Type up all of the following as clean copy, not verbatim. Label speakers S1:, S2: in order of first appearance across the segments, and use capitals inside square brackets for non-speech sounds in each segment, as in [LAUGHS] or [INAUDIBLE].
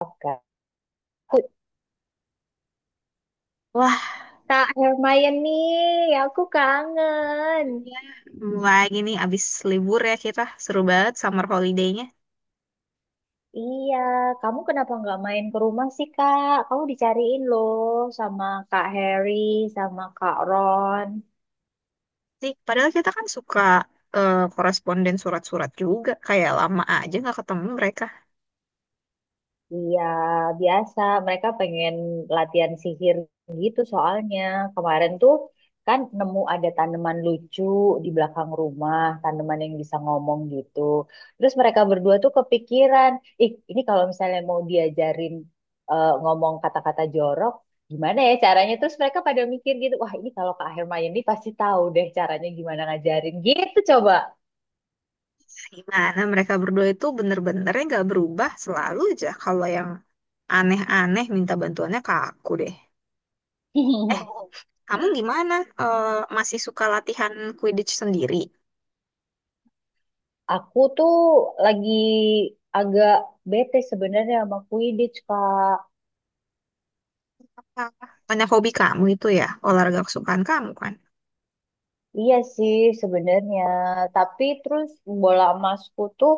S1: Kak.
S2: Wah,
S1: Kak Hermione, aku kangen.
S2: iya. Mulai gini abis libur ya, kita seru banget summer holiday-nya
S1: Iya, kamu kenapa nggak main ke rumah sih, Kak? Kamu dicariin loh sama Kak Harry, sama Kak Ron.
S2: sih. Padahal kita kan suka koresponden surat-surat juga. Kayak lama aja nggak ketemu mereka.
S1: Iya, biasa. Mereka pengen latihan sihir gitu soalnya. Kemarin tuh kan nemu ada tanaman lucu di belakang rumah, tanaman yang bisa ngomong gitu. Terus mereka berdua tuh kepikiran, ih ini kalau misalnya mau diajarin ngomong kata-kata jorok, gimana ya caranya? Terus mereka pada mikir gitu, wah ini kalau Kak Hermione pasti tahu deh caranya gimana ngajarin gitu coba.
S2: Gimana mereka berdua itu bener-benernya nggak berubah, selalu aja kalau yang aneh-aneh minta bantuannya ke aku deh. Eh,
S1: [LAUGHS]
S2: Kamu gimana? Eh, Masih suka latihan Quidditch sendiri?
S1: Aku tuh lagi agak bete sebenarnya sama Quidditch, Kak.
S2: Apa? Banyak hobi kamu itu ya, olahraga kesukaan kamu kan?
S1: Iya sih sebenarnya, tapi terus bola emasku tuh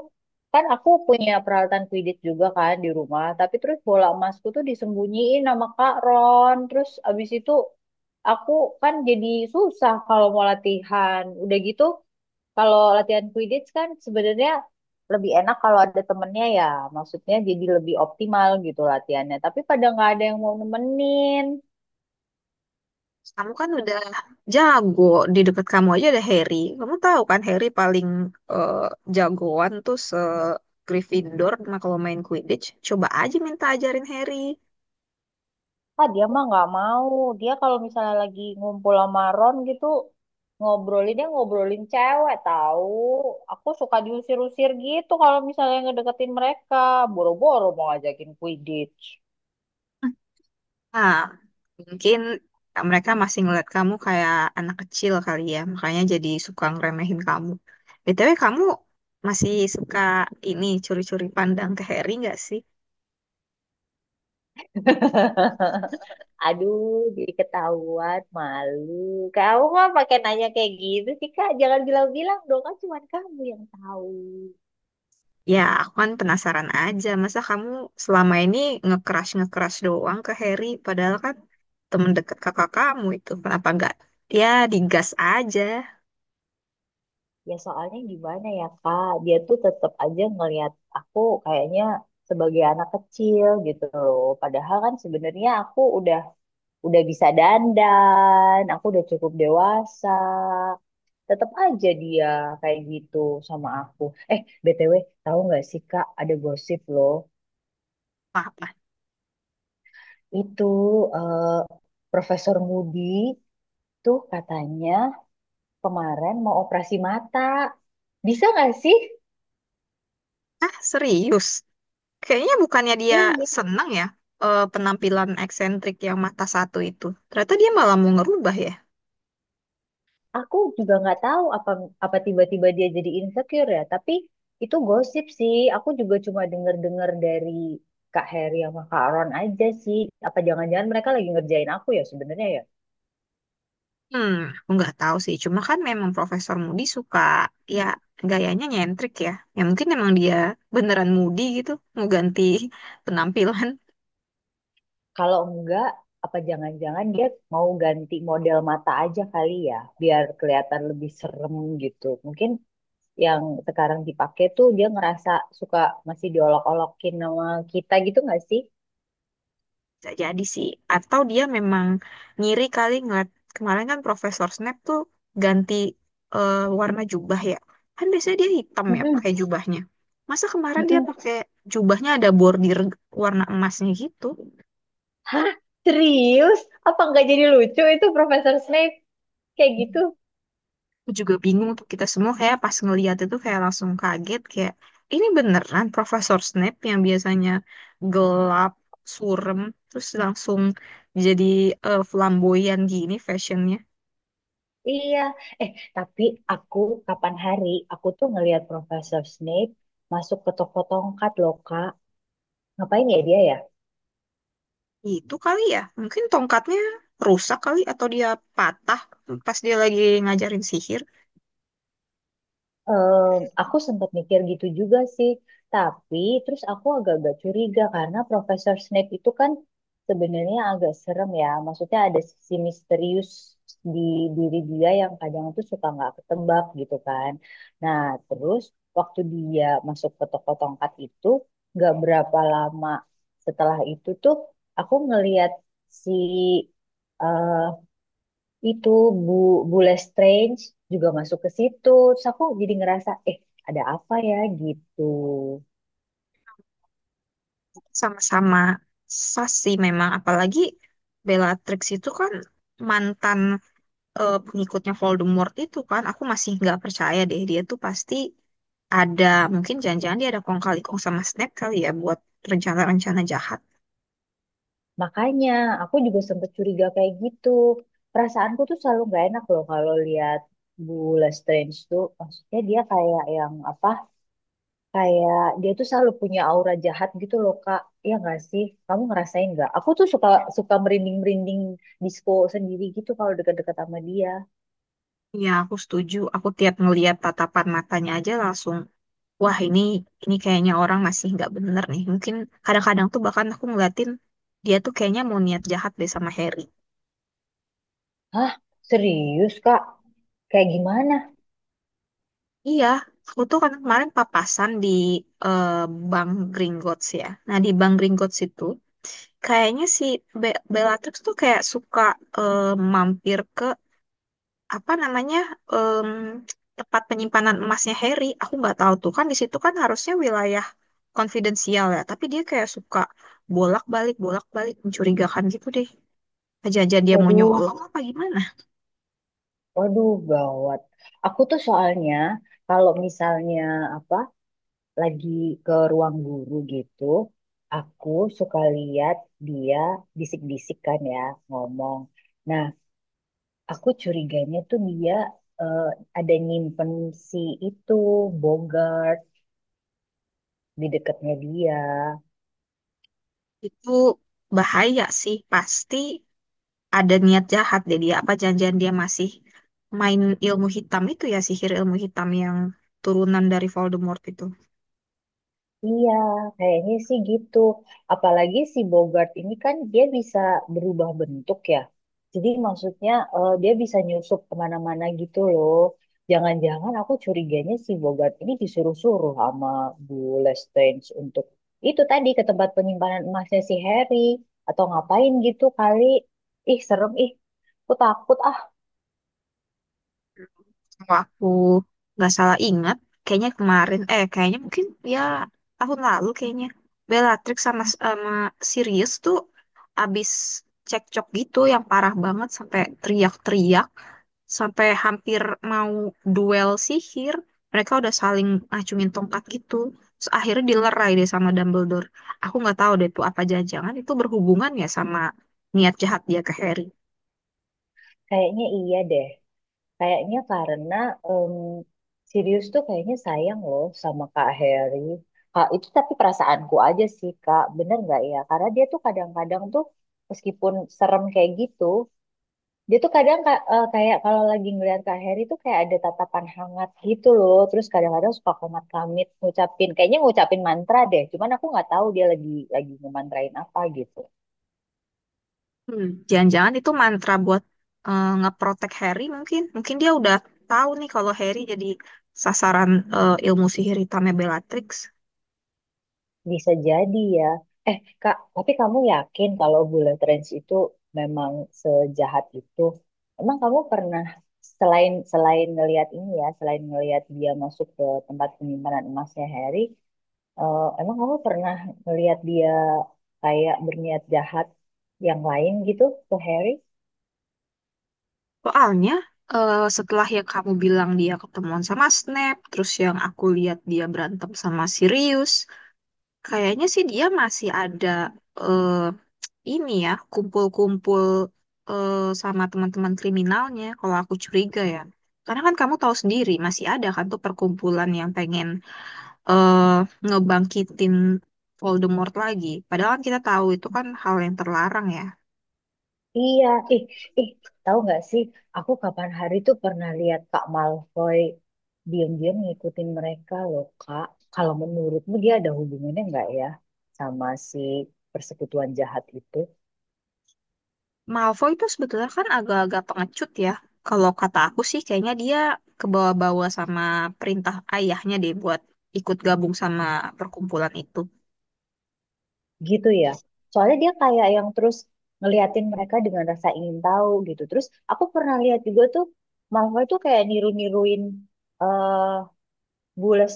S1: kan aku punya peralatan Quidditch juga kan di rumah, tapi terus bola emasku tuh disembunyiin sama Kak Ron. Terus abis itu aku kan jadi susah kalau mau latihan. Udah gitu. Kalau latihan Quidditch kan sebenarnya lebih enak kalau ada temennya ya, maksudnya jadi lebih optimal gitu latihannya. Tapi pada nggak ada yang mau nemenin.
S2: Kamu kan udah jago, di dekat kamu aja ada Harry. Kamu tahu kan Harry paling eh, jagoan tuh se Gryffindor nah, kalau main Quidditch. Coba aja minta ajarin Harry.
S1: Ah dia mah nggak mau. Dia kalau misalnya lagi ngumpul sama Ron gitu ngobrolin dia ngobrolin cewek tahu. Aku suka diusir-usir gitu kalau misalnya ngedeketin mereka. Boro-boro mau ngajakin Quidditch.
S2: Nah, mungkin mereka masih ngeliat kamu kayak anak kecil kali ya, makanya jadi suka ngeremehin kamu. BTW kamu masih suka ini curi-curi pandang ke Harry nggak sih?
S1: [LAUGHS] Aduh, jadi ketahuan, malu. Kamu mah pakai nanya kayak gitu sih, Kak. Jangan bilang-bilang dong, kan cuma kamu yang tahu.
S2: Ya, aku kan penasaran aja. Masa kamu selama ini nge crush nge doang ke Harry? Padahal kan temen deket kakak kamu itu. Kenapa nggak? Ya, digas aja.
S1: Ya soalnya gimana ya, Kak? Dia tuh tetap aja ngelihat aku kayaknya sebagai anak kecil gitu loh. Padahal kan sebenarnya aku udah bisa dandan, aku udah cukup dewasa. Tetap aja dia kayak gitu sama aku. Eh, BTW, tahu nggak sih, Kak, ada gosip loh.
S2: Apa?
S1: Itu eh, Profesor Moody tuh katanya kemarin mau operasi mata. Bisa nggak sih?
S2: Ah, serius? Kayaknya bukannya dia
S1: Ini
S2: seneng ya penampilan eksentrik yang mata satu itu. Ternyata dia malah mau ngerubah ya?
S1: aku juga nggak tahu apa apa tiba-tiba dia jadi insecure ya. Tapi itu gosip sih. Aku juga cuma denger-dengar dari Kak Heri sama Kak Ron aja sih. Apa jangan-jangan mereka lagi ngerjain aku ya sebenarnya ya?
S2: Hmm, aku nggak tahu sih. Cuma kan memang Profesor Moody suka, ya, gayanya nyentrik ya. Ya mungkin emang dia beneran Moody gitu. Mau ganti [LAUGHS] penampilan.
S1: Kalau enggak, apa jangan-jangan dia mau ganti model mata aja kali ya, biar kelihatan lebih serem gitu. Mungkin yang sekarang dipakai tuh dia ngerasa suka masih diolok-olokin sama kita gitu nggak sih?
S2: Bisa jadi sih. Atau dia memang ngiri kali ngeliat kemarin kan Profesor Snape tuh ganti eh, warna jubah ya. Kan biasanya dia hitam ya pakai
S1: Mm-mm,
S2: jubahnya. Masa kemarin dia
S1: mm-mm.
S2: pakai jubahnya ada bordir warna emasnya gitu.
S1: Hah? Serius? Apa nggak jadi lucu itu Profesor Snape? Kayak gitu?
S2: Aku juga bingung tuh, kita semua kayak pas ngeliat itu kayak langsung kaget kayak ini beneran Profesor Snape yang biasanya gelap, surem, terus langsung jadi flamboyan gini fashionnya.
S1: Iya. Eh, tapi aku kapan hari aku tuh ngelihat Profesor Snape masuk ke toko tongkat loh, Kak. Ngapain ya dia ya?
S2: Itu kali ya, mungkin tongkatnya rusak kali atau dia patah pas dia lagi ngajarin sihir.
S1: Aku sempat mikir gitu juga sih, tapi terus aku agak-agak curiga karena Profesor Snape itu kan sebenarnya agak serem ya. Maksudnya ada sisi misterius di diri dia yang kadang tuh suka nggak ketebak gitu kan. Nah, terus waktu dia masuk ke toko tongkat itu, nggak berapa lama setelah itu tuh aku ngeliat si eh, itu Bu Bule Strange juga masuk ke situ. Terus aku jadi ngerasa, eh ada apa ya gitu.
S2: Sama-sama sasi memang, apalagi Bellatrix itu kan mantan pengikutnya Voldemort itu kan. Aku masih nggak percaya deh, dia tuh pasti ada, mungkin jangan-jangan dia ada kong kali kong sama Snape kali ya buat rencana-rencana jahat.
S1: Makanya aku juga sempet curiga kayak gitu. Perasaanku tuh selalu nggak enak loh kalau lihat Bule Strange tuh. Maksudnya dia kayak yang apa? Kayak dia tuh selalu punya aura jahat gitu loh Kak. Ya nggak sih? Kamu ngerasain nggak? Aku tuh suka suka merinding-merinding disco sendiri gitu kalau dekat-dekat sama dia.
S2: Ya, aku setuju. Aku tiap ngeliat tatapan matanya aja langsung, wah ini kayaknya orang masih nggak bener nih. Mungkin kadang-kadang tuh bahkan aku ngeliatin dia tuh kayaknya mau niat jahat deh sama Harry.
S1: Hah? Serius Kak? Kayak gimana?
S2: Iya, aku tuh kan kemarin papasan di eh, Bank Gringotts ya. Nah di Bank Gringotts itu kayaknya si Bellatrix tuh kayak suka eh, mampir ke apa namanya, em, tempat penyimpanan emasnya Harry. Aku nggak tahu tuh, kan di situ kan harusnya wilayah konfidensial ya. Tapi dia kayak suka bolak-balik mencurigakan gitu deh. Aja-aja dia mau
S1: Waduh,
S2: nyolong apa gimana,
S1: waduh, gawat. Aku tuh soalnya kalau misalnya apa lagi ke ruang guru gitu, aku suka lihat dia bisik-bisik kan ya ngomong. Nah, aku curiganya tuh dia eh, ada nyimpen si itu Bogart di dekatnya dia.
S2: itu bahaya sih, pasti ada niat jahat deh dia, apa janjian dia masih main ilmu hitam itu ya, sihir ilmu hitam yang turunan dari Voldemort itu.
S1: Iya, kayaknya sih gitu. Apalagi si Bogart ini kan dia bisa berubah bentuk ya. Jadi maksudnya dia bisa nyusup kemana-mana gitu loh. Jangan-jangan aku curiganya si Bogart ini disuruh-suruh sama Bu Lestrange untuk itu tadi ke tempat penyimpanan emasnya si Harry. Atau ngapain gitu kali. Ih, serem ih. Aku takut ah.
S2: Kalau aku nggak salah ingat, kayaknya kemarin, kayaknya mungkin ya tahun lalu kayaknya, Bellatrix sama sama Sirius tuh abis cekcok gitu yang parah banget sampai teriak-teriak, sampai hampir mau duel sihir, mereka udah saling acungin tongkat gitu. Terus akhirnya dilerai deh sama Dumbledore. Aku nggak tahu deh tuh, apa jangan-jangan itu berhubungan ya sama niat jahat dia ke Harry.
S1: Kayaknya iya deh. Kayaknya karena em, Sirius tuh kayaknya sayang loh sama Kak Harry. Kak, itu tapi perasaanku aja sih Kak, bener nggak ya? Karena dia tuh kadang-kadang tuh meskipun serem kayak gitu, dia tuh kadang kayak kalau lagi ngeliat Kak Harry tuh kayak ada tatapan hangat gitu loh. Terus kadang-kadang suka komat-kamit ngucapin, kayaknya ngucapin mantra deh. Cuman aku nggak tahu dia lagi ngemantrain apa gitu.
S2: Hmm, jangan-jangan itu mantra buat ngeprotek Harry mungkin. Mungkin dia udah tahu nih kalau Harry jadi sasaran ilmu sihir hitamnya Bellatrix.
S1: Bisa jadi ya. Eh, Kak, tapi kamu yakin kalau Bullet Trains itu memang sejahat itu? Emang kamu pernah selain selain ngelihat ini ya, selain ngelihat dia masuk ke tempat penyimpanan emasnya Harry, emang kamu pernah ngelihat dia kayak berniat jahat yang lain gitu ke Harry?
S2: Soalnya setelah yang kamu bilang dia ketemuan sama Snape, terus yang aku lihat dia berantem sama Sirius, kayaknya sih dia masih ada, eh, ini ya, kumpul-kumpul sama teman-teman kriminalnya, kalau aku curiga ya. Karena kan kamu tahu sendiri, masih ada kan tuh perkumpulan yang pengen eh, ngebangkitin Voldemort lagi. Padahal kan kita tahu itu kan hal yang terlarang ya.
S1: Iya, ih, ih, tahu nggak sih? Aku kapan hari tuh pernah lihat Kak Malfoy diam-diam ngikutin mereka loh, Kak. Kalau menurutmu dia ada hubungannya nggak ya sama si persekutuan jahat itu?
S2: Malfoy itu sebetulnya kan agak-agak pengecut ya. Kalau kata aku sih kayaknya dia kebawa-bawa sama perintah ayahnya deh buat ikut gabung sama perkumpulan itu.
S1: Gitu ya. Soalnya dia kayak yang terus ngeliatin mereka dengan rasa ingin tahu gitu. Terus aku pernah lihat juga tuh Malfoy tuh kayak niru-niruin eh Bullet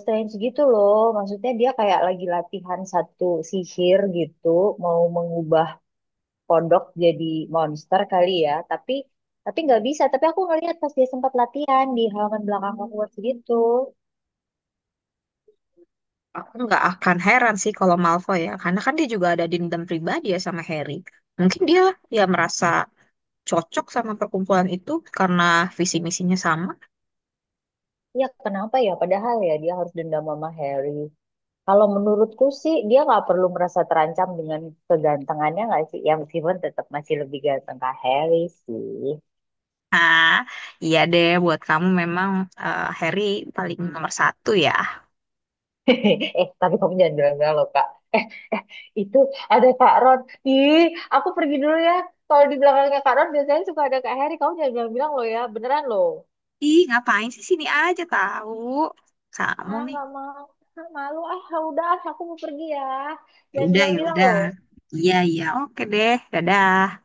S1: gitu loh. Maksudnya dia kayak lagi latihan satu sihir gitu, mau mengubah kodok jadi monster kali ya tapi nggak bisa tapi aku ngeliat pas dia sempat latihan di halaman belakang Hogwarts gitu.
S2: Aku nggak akan heran sih kalau Malfoy ya, karena kan dia juga ada dendam pribadi ya sama Harry. Mungkin dia ya merasa cocok sama perkumpulan itu karena visi misinya sama.
S1: Ya kenapa ya padahal ya dia harus dendam sama Harry. Kalau menurutku sih dia nggak perlu merasa terancam dengan kegantengannya nggak sih ya meskipun tetap masih lebih ganteng kak Harry sih.
S2: Ah, iya deh, buat kamu memang Harry paling nomor satu ya.
S1: [LAUGHS] Eh tapi kamu jangan bilang loh kak eh itu ada kak Ron. Ih, aku pergi dulu ya. Kalau di belakangnya Kak Ron biasanya suka ada Kak Harry. Kamu jangan bilang-bilang loh ya, beneran loh.
S2: Ih, ngapain sih, sini aja tahu? Kamu
S1: Ah
S2: nih.
S1: nggak mau. Ah, malu ah. Udah ah, aku mau pergi ya.
S2: Ya
S1: Jangan
S2: udah, ya
S1: bilang-bilang
S2: udah.
S1: loh.
S2: Iya, iya, oke deh. Dadah.